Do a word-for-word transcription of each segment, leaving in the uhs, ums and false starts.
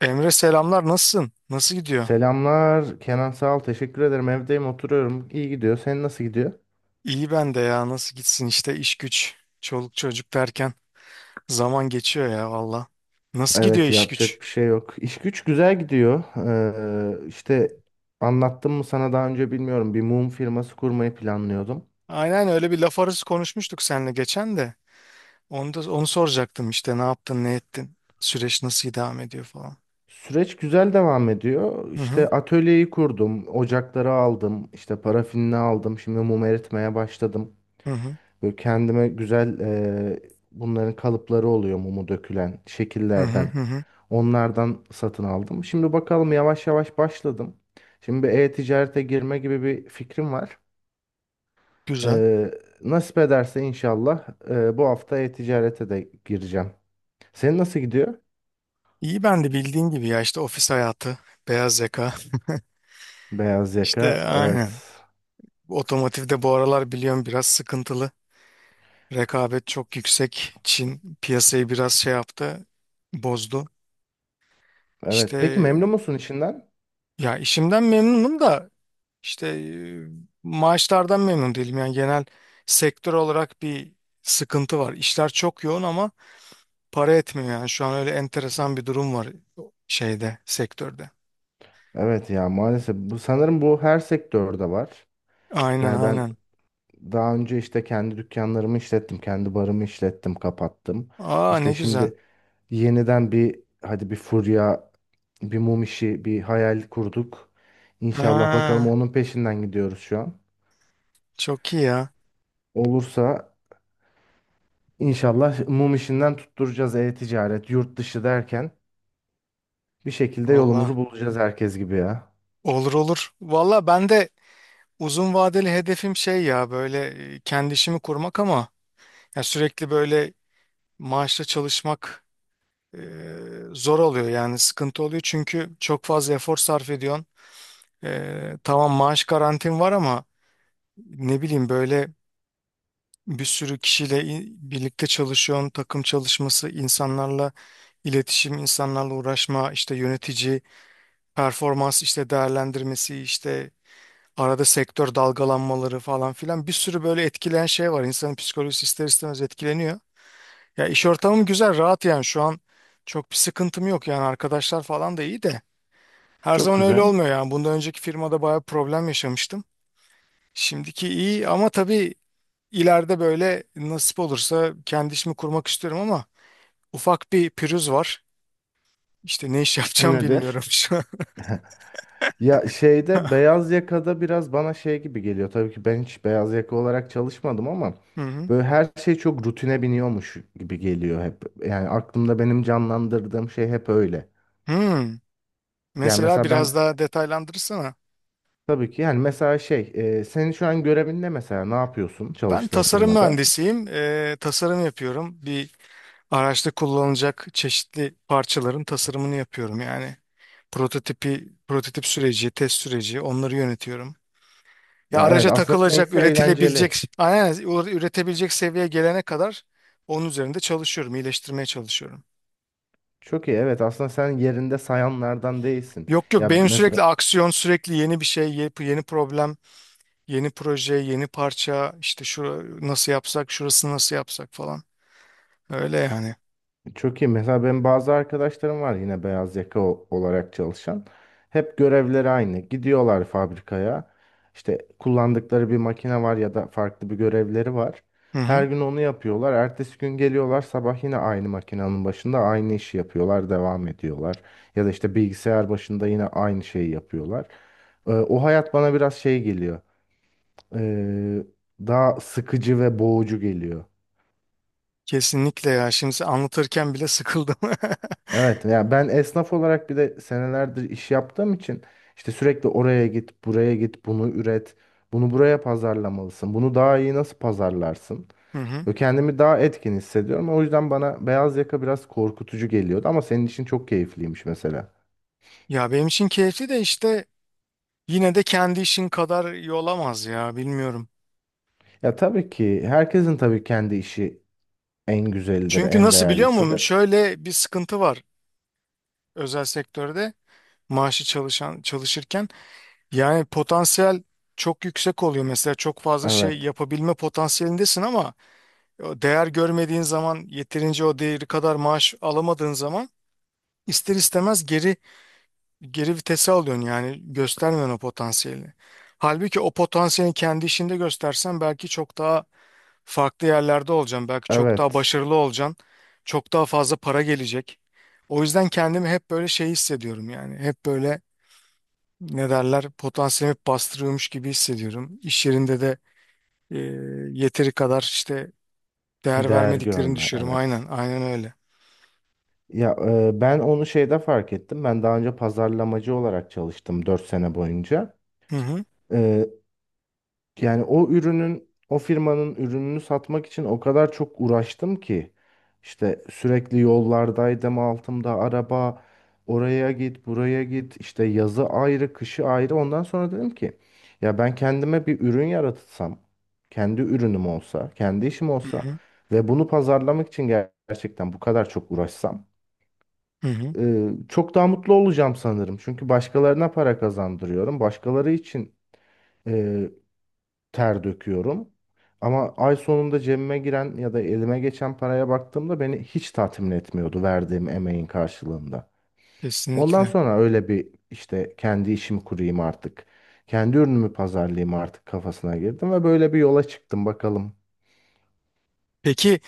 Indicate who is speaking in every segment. Speaker 1: Emre selamlar, nasılsın? Nasıl gidiyor?
Speaker 2: Selamlar Kenan, sağ ol, teşekkür ederim. Evdeyim, oturuyorum, iyi gidiyor. Senin nasıl gidiyor?
Speaker 1: İyi, ben de ya, nasıl gitsin işte, iş güç çoluk çocuk derken zaman geçiyor ya, valla. Nasıl gidiyor
Speaker 2: Evet,
Speaker 1: iş güç?
Speaker 2: yapacak bir şey yok, iş güç güzel gidiyor. ee, işte anlattım mı sana daha önce bilmiyorum, bir mum firması kurmayı planlıyordum.
Speaker 1: Aynen, öyle bir laf arası konuşmuştuk seninle geçen de. Onu da onu soracaktım işte, ne yaptın ne ettin? Süreç nasıl devam ediyor falan?
Speaker 2: Süreç güzel devam ediyor.
Speaker 1: Hı hı
Speaker 2: İşte atölyeyi kurdum, ocakları aldım, işte parafinini aldım, şimdi mum eritmeye başladım.
Speaker 1: hı hı
Speaker 2: Böyle kendime güzel ee, bunların kalıpları oluyor, mumu dökülen
Speaker 1: hı hı
Speaker 2: şekillerden.
Speaker 1: hı. Hı.
Speaker 2: Onlardan satın aldım. Şimdi bakalım, yavaş yavaş başladım. Şimdi bir e-ticarete girme gibi bir fikrim var.
Speaker 1: Güzel.
Speaker 2: Ee, nasip ederse inşallah e, bu hafta e-ticarete de gireceğim. Senin nasıl gidiyor?
Speaker 1: İyi, ben de bildiğin gibi ya, işte ofis hayatı, beyaz yaka.
Speaker 2: Beyaz
Speaker 1: İşte
Speaker 2: yaka. Evet.
Speaker 1: aynen. Otomotivde bu aralar biliyorum biraz sıkıntılı. Rekabet çok yüksek. Çin piyasayı biraz şey yaptı, bozdu.
Speaker 2: Evet. Peki
Speaker 1: İşte,
Speaker 2: memnun musun işinden?
Speaker 1: ya, işimden memnunum da işte e, maaşlardan memnun değilim. Yani genel sektör olarak bir sıkıntı var. İşler çok yoğun ama para etmiyor yani. Şu an öyle enteresan bir durum var şeyde, sektörde.
Speaker 2: Evet ya, maalesef bu sanırım bu her sektörde var.
Speaker 1: Aynen
Speaker 2: Yani ben
Speaker 1: aynen.
Speaker 2: daha önce işte kendi dükkanlarımı işlettim, kendi barımı işlettim, kapattım.
Speaker 1: Aa, ne
Speaker 2: İşte
Speaker 1: güzel.
Speaker 2: şimdi yeniden bir hadi bir furya, bir mum işi, bir hayal kurduk. İnşallah bakalım,
Speaker 1: Ha,
Speaker 2: onun peşinden gidiyoruz şu an.
Speaker 1: çok iyi ya.
Speaker 2: Olursa inşallah mum işinden tutturacağız, e-ticaret, yurt dışı derken bir şekilde
Speaker 1: Valla
Speaker 2: yolumuzu bulacağız herkes gibi ya.
Speaker 1: olur olur. Valla ben de uzun vadeli hedefim şey ya, böyle e, kendi işimi kurmak ama ya sürekli böyle maaşla çalışmak e, zor oluyor yani, sıkıntı oluyor, çünkü çok fazla efor sarf ediyorsun. E, tamam, maaş garantin var ama ne bileyim, böyle bir sürü kişiyle i- birlikte çalışıyorsun, takım çalışması, insanlarla iletişim, insanlarla uğraşma, işte yönetici, performans işte değerlendirmesi, işte arada sektör dalgalanmaları falan filan, bir sürü böyle etkileyen şey var. İnsanın psikolojisi ister istemez etkileniyor. Ya iş ortamım güzel, rahat yani şu an çok bir sıkıntım yok yani, arkadaşlar falan da iyi de. Her
Speaker 2: Çok
Speaker 1: zaman öyle
Speaker 2: güzel.
Speaker 1: olmuyor yani. Bundan önceki firmada bayağı problem yaşamıştım. Şimdiki iyi ama tabii ileride böyle nasip olursa kendi işimi kurmak istiyorum ama ufak bir pürüz var. İşte ne iş
Speaker 2: O
Speaker 1: yapacağım bilmiyorum
Speaker 2: nedir?
Speaker 1: şu an.
Speaker 2: Ya şeyde, beyaz yakada biraz bana şey gibi geliyor. Tabii ki ben hiç beyaz yaka olarak çalışmadım ama
Speaker 1: Hı hı.
Speaker 2: böyle her şey çok rutine biniyormuş gibi geliyor hep. Yani aklımda benim canlandırdığım şey hep öyle.
Speaker 1: Hmm.
Speaker 2: Yani
Speaker 1: Mesela
Speaker 2: mesela
Speaker 1: biraz
Speaker 2: ben,
Speaker 1: daha detaylandırırsana.
Speaker 2: tabii ki, yani mesela şey, e, senin şu an görevin ne mesela, ne yapıyorsun
Speaker 1: Ben
Speaker 2: çalıştığın
Speaker 1: tasarım
Speaker 2: firmada?
Speaker 1: mühendisiyim. Eee, tasarım yapıyorum. Bir araçta kullanılacak çeşitli parçaların tasarımını yapıyorum. Yani prototipi, prototip süreci, test süreci, onları yönetiyorum. Ya
Speaker 2: Ya evet,
Speaker 1: araca
Speaker 2: aslında
Speaker 1: takılacak,
Speaker 2: seninkisi
Speaker 1: üretilebilecek,
Speaker 2: eğlenceli.
Speaker 1: aynen üretebilecek seviyeye gelene kadar onun üzerinde çalışıyorum, iyileştirmeye çalışıyorum.
Speaker 2: Çok iyi, evet, aslında sen yerinde sayanlardan değilsin.
Speaker 1: Yok yok,
Speaker 2: Ya
Speaker 1: benim sürekli
Speaker 2: mesela
Speaker 1: aksiyon, sürekli yeni bir şey, yeni yeni problem, yeni proje, yeni parça, işte şu nasıl yapsak, şurasını nasıl yapsak falan. Öyle yani.
Speaker 2: çok iyi. Mesela benim bazı arkadaşlarım var yine beyaz yaka o- olarak çalışan. Hep görevleri aynı. Gidiyorlar fabrikaya. İşte kullandıkları bir makine var ya da farklı bir görevleri var.
Speaker 1: Hı
Speaker 2: Her
Speaker 1: hı.
Speaker 2: gün onu yapıyorlar. Ertesi gün geliyorlar sabah, yine aynı makinenin başında aynı işi yapıyorlar, devam ediyorlar. Ya da işte bilgisayar başında yine aynı şeyi yapıyorlar. Ee, o hayat bana biraz şey geliyor. Ee, daha sıkıcı ve boğucu geliyor.
Speaker 1: Kesinlikle ya. Şimdi anlatırken bile sıkıldım.
Speaker 2: Evet ya, ben esnaf olarak bir de senelerdir iş yaptığım için işte sürekli oraya git, buraya git, bunu üret, bunu buraya pazarlamalısın. Bunu daha iyi nasıl pazarlarsın?
Speaker 1: Hı hı.
Speaker 2: Ve kendimi daha etkin hissediyorum. O yüzden bana beyaz yaka biraz korkutucu geliyordu ama senin için çok keyifliymiş mesela.
Speaker 1: Ya benim için keyifli de işte yine de kendi işin kadar iyi olamaz ya, bilmiyorum.
Speaker 2: Ya tabii ki herkesin tabii kendi işi en güzelidir,
Speaker 1: Çünkü
Speaker 2: en
Speaker 1: nasıl, biliyor musun?
Speaker 2: değerlisidir.
Speaker 1: Şöyle bir sıkıntı var özel sektörde, maaşı çalışan çalışırken. Yani potansiyel çok yüksek oluyor. Mesela çok fazla şey
Speaker 2: Evet.
Speaker 1: yapabilme potansiyelindesin ama o değer görmediğin zaman, yeterince o değeri kadar maaş alamadığın zaman ister istemez geri geri vitese alıyorsun yani, göstermiyorsun o potansiyeli. Halbuki o potansiyeli kendi işinde göstersen belki çok daha farklı yerlerde olacaksın. Belki çok daha
Speaker 2: Evet.
Speaker 1: başarılı olacaksın. Çok daha fazla para gelecek. O yüzden kendimi hep böyle şey hissediyorum yani. Hep böyle ne derler, potansiyelimi hep bastırıyormuş gibi hissediyorum. İş yerinde de e, yeteri kadar işte değer
Speaker 2: Değer
Speaker 1: vermediklerini
Speaker 2: görme.
Speaker 1: düşünüyorum. Aynen
Speaker 2: Evet.
Speaker 1: aynen öyle.
Speaker 2: Ya e, ben onu şeyde fark ettim. Ben daha önce pazarlamacı olarak çalıştım dört sene boyunca.
Speaker 1: Hı hı.
Speaker 2: E, yani o ürünün, o firmanın ürününü satmak için o kadar çok uğraştım ki. İşte sürekli yollardaydım, altımda araba, oraya git, buraya git, işte yazı ayrı, kışı ayrı. Ondan sonra dedim ki ya ben kendime bir ürün yaratsam, kendi ürünüm olsa, kendi işim
Speaker 1: Hı
Speaker 2: olsa
Speaker 1: hı.
Speaker 2: ve bunu pazarlamak için ger- gerçekten bu kadar çok uğraşsam.
Speaker 1: Hı hı.
Speaker 2: Ee, çok daha mutlu olacağım sanırım. Çünkü başkalarına para kazandırıyorum. Başkaları için e, ter döküyorum. Ama ay sonunda cebime giren ya da elime geçen paraya baktığımda beni hiç tatmin etmiyordu, verdiğim emeğin karşılığında. Ondan
Speaker 1: Kesinlikle.
Speaker 2: sonra öyle bir, işte kendi işimi kurayım artık. Kendi ürünümü pazarlayayım artık kafasına girdim ve böyle bir yola çıktım, bakalım.
Speaker 1: Peki,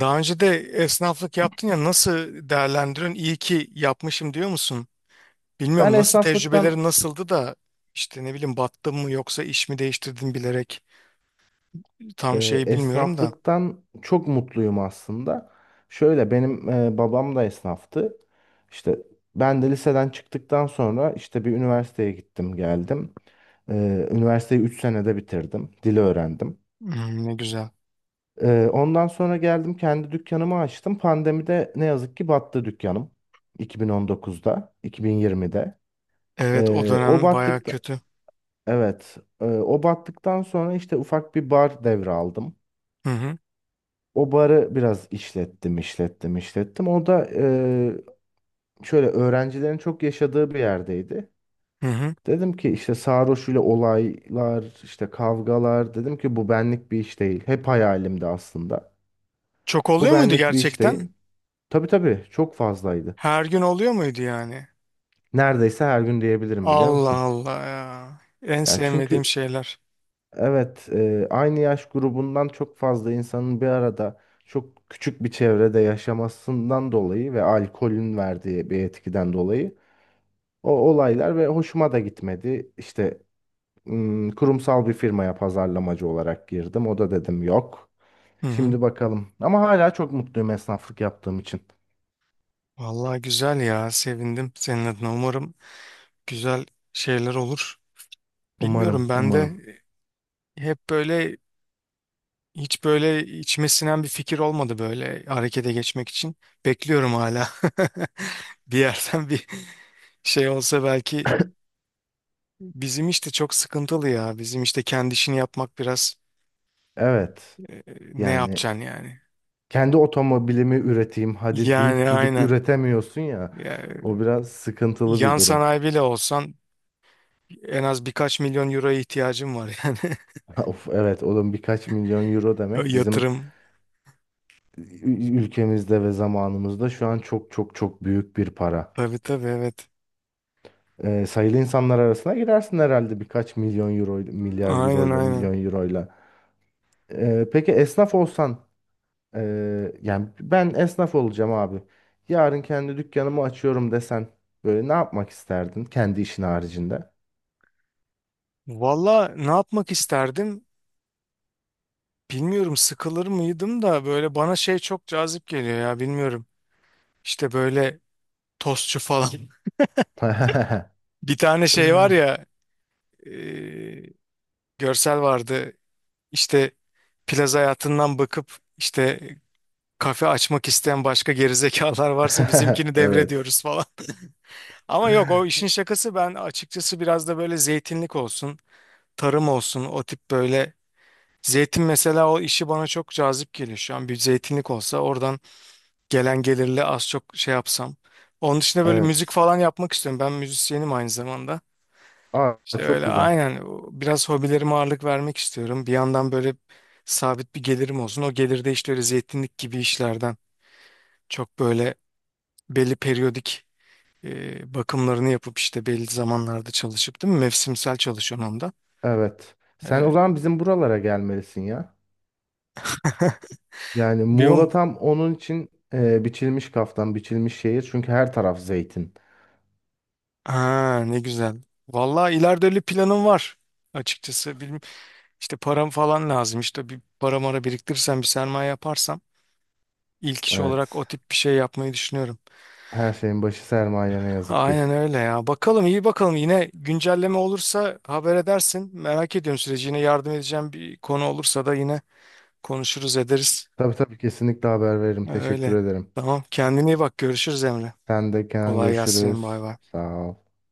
Speaker 1: daha önce de esnaflık yaptın ya, nasıl değerlendiriyorsun? İyi ki yapmışım diyor musun?
Speaker 2: Ben
Speaker 1: Bilmiyorum, nasıl, tecrübelerin
Speaker 2: esnaflıktan
Speaker 1: nasıldı da işte ne bileyim, battın mı yoksa iş mi değiştirdin bilerek, tam
Speaker 2: Ee,
Speaker 1: şeyi bilmiyorum da.
Speaker 2: esnaflıktan çok mutluyum aslında. Şöyle benim e, babam da esnaftı. İşte ben de liseden çıktıktan sonra işte bir üniversiteye gittim geldim. Ee, üniversiteyi üç senede bitirdim. Dili öğrendim.
Speaker 1: Hmm, ne güzel.
Speaker 2: Ee, ondan sonra geldim, kendi dükkanımı açtım. Pandemide ne yazık ki battı dükkanım. iki bin on dokuzda, iki bin yirmide.
Speaker 1: Evet, o
Speaker 2: Ee, o
Speaker 1: dönem baya
Speaker 2: battıkta,
Speaker 1: kötü.
Speaker 2: evet, e, o battıktan sonra işte ufak bir bar devraldım.
Speaker 1: Hı hı,
Speaker 2: O barı biraz işlettim, işlettim, işlettim. O da eee, şöyle öğrencilerin çok yaşadığı bir yerdeydi.
Speaker 1: hı hı.
Speaker 2: Dedim ki işte sarhoş ile olaylar, işte kavgalar. Dedim ki bu benlik bir iş değil. Hep hayalimdi aslında.
Speaker 1: Çok
Speaker 2: Bu
Speaker 1: oluyor muydu
Speaker 2: benlik bir iş değil.
Speaker 1: gerçekten?
Speaker 2: Tabii tabii, çok fazlaydı.
Speaker 1: Her gün oluyor muydu yani?
Speaker 2: Neredeyse her gün diyebilirim, biliyor
Speaker 1: Allah
Speaker 2: musun?
Speaker 1: Allah ya. En
Speaker 2: Yani
Speaker 1: sevmediğim
Speaker 2: çünkü
Speaker 1: şeyler.
Speaker 2: evet, eee, aynı yaş grubundan çok fazla insanın bir arada çok küçük bir çevrede yaşamasından dolayı ve alkolün verdiği bir etkiden dolayı o olaylar ve hoşuma da gitmedi. İşte ım, kurumsal bir firmaya pazarlamacı olarak girdim. O da dedim yok.
Speaker 1: Hı hı.
Speaker 2: Şimdi bakalım. Ama hala çok mutluyum esnaflık yaptığım için.
Speaker 1: Vallahi güzel ya, sevindim senin adına, umarım güzel şeyler olur.
Speaker 2: Umarım,
Speaker 1: Bilmiyorum, ben
Speaker 2: umarım.
Speaker 1: de hep böyle hiç böyle içime sinen bir fikir olmadı böyle harekete geçmek için. Bekliyorum hala. Bir yerden bir şey olsa belki. Bizim işte çok sıkıntılı ya. Bizim işte kendi işini yapmak biraz
Speaker 2: Evet.
Speaker 1: e, ne
Speaker 2: Yani
Speaker 1: yapacaksın yani?
Speaker 2: kendi otomobilimi üreteyim hadi deyip
Speaker 1: Yani
Speaker 2: gidip
Speaker 1: aynen.
Speaker 2: üretemiyorsun ya.
Speaker 1: Yani
Speaker 2: O biraz sıkıntılı bir
Speaker 1: yan
Speaker 2: durum.
Speaker 1: sanayi bile olsan en az birkaç milyon euroya ihtiyacın var yani.
Speaker 2: Of evet oğlum, birkaç milyon euro
Speaker 1: O
Speaker 2: demek bizim
Speaker 1: yatırım.
Speaker 2: ü- ülkemizde ve zamanımızda şu an çok çok çok büyük bir para.
Speaker 1: Tabii tabii, evet.
Speaker 2: e, sayılı insanlar arasına girersin herhalde birkaç milyon euro, milyar
Speaker 1: Aynen
Speaker 2: euroyla,
Speaker 1: aynen.
Speaker 2: milyon euroyla. E, peki esnaf olsan, e, yani ben esnaf olacağım abi. Yarın kendi dükkanımı açıyorum desen, böyle ne yapmak isterdin kendi işin haricinde?
Speaker 1: Valla ne yapmak isterdim? Bilmiyorum, sıkılır mıydım da, böyle bana şey çok cazip geliyor ya, bilmiyorum. İşte böyle tostçu falan. Bir tane şey var ya, e, görsel vardı. İşte plaza hayatından bakıp, işte kafe açmak isteyen başka gerizekalar varsa bizimkini
Speaker 2: Evet.
Speaker 1: devrediyoruz falan. Ama yok, o işin şakası. Ben açıkçası biraz da böyle zeytinlik olsun, tarım olsun, o tip böyle. Zeytin mesela, o işi bana çok cazip geliyor şu an, bir zeytinlik olsa oradan gelen gelirle az çok şey yapsam. Onun dışında böyle müzik
Speaker 2: Evet.
Speaker 1: falan yapmak istiyorum. Ben müzisyenim aynı zamanda.
Speaker 2: Aa
Speaker 1: İşte
Speaker 2: çok
Speaker 1: öyle
Speaker 2: güzel.
Speaker 1: aynen, o- biraz hobilerime ağırlık vermek istiyorum. Bir yandan böyle sabit bir gelirim olsun. O gelir de işte öyle zeytinlik gibi işlerden çok böyle belli periyodik e, bakımlarını yapıp işte belli zamanlarda çalışıp, değil mi? Mevsimsel çalışıyorum onda.
Speaker 2: Evet. Sen o
Speaker 1: E,
Speaker 2: zaman bizim buralara gelmelisin ya. Yani
Speaker 1: bir
Speaker 2: Muğla
Speaker 1: o-
Speaker 2: tam onun için e, biçilmiş kaftan, biçilmiş şehir. Çünkü her taraf zeytin.
Speaker 1: Ha, ne güzel. Vallahi ileride öyle planım var açıkçası. İşte param falan lazım. İşte bir para mara biriktirirsem, bir sermaye yaparsam ilk iş olarak o
Speaker 2: Evet.
Speaker 1: tip bir şey yapmayı düşünüyorum.
Speaker 2: Her şeyin başı sermaye, ne yazık ki.
Speaker 1: Aynen öyle ya. Bakalım, iyi bakalım. Yine güncelleme olursa haber edersin. Merak ediyorum süreci. Yine yardım edeceğim bir konu olursa da yine konuşuruz ederiz.
Speaker 2: Tabii tabii, kesinlikle haber veririm. Teşekkür
Speaker 1: Öyle.
Speaker 2: ederim.
Speaker 1: Tamam. Kendine iyi bak. Görüşürüz Emre.
Speaker 2: Sen de Kenan,
Speaker 1: Kolay gelsin. Bay
Speaker 2: görüşürüz.
Speaker 1: bay.
Speaker 2: Sağ ol.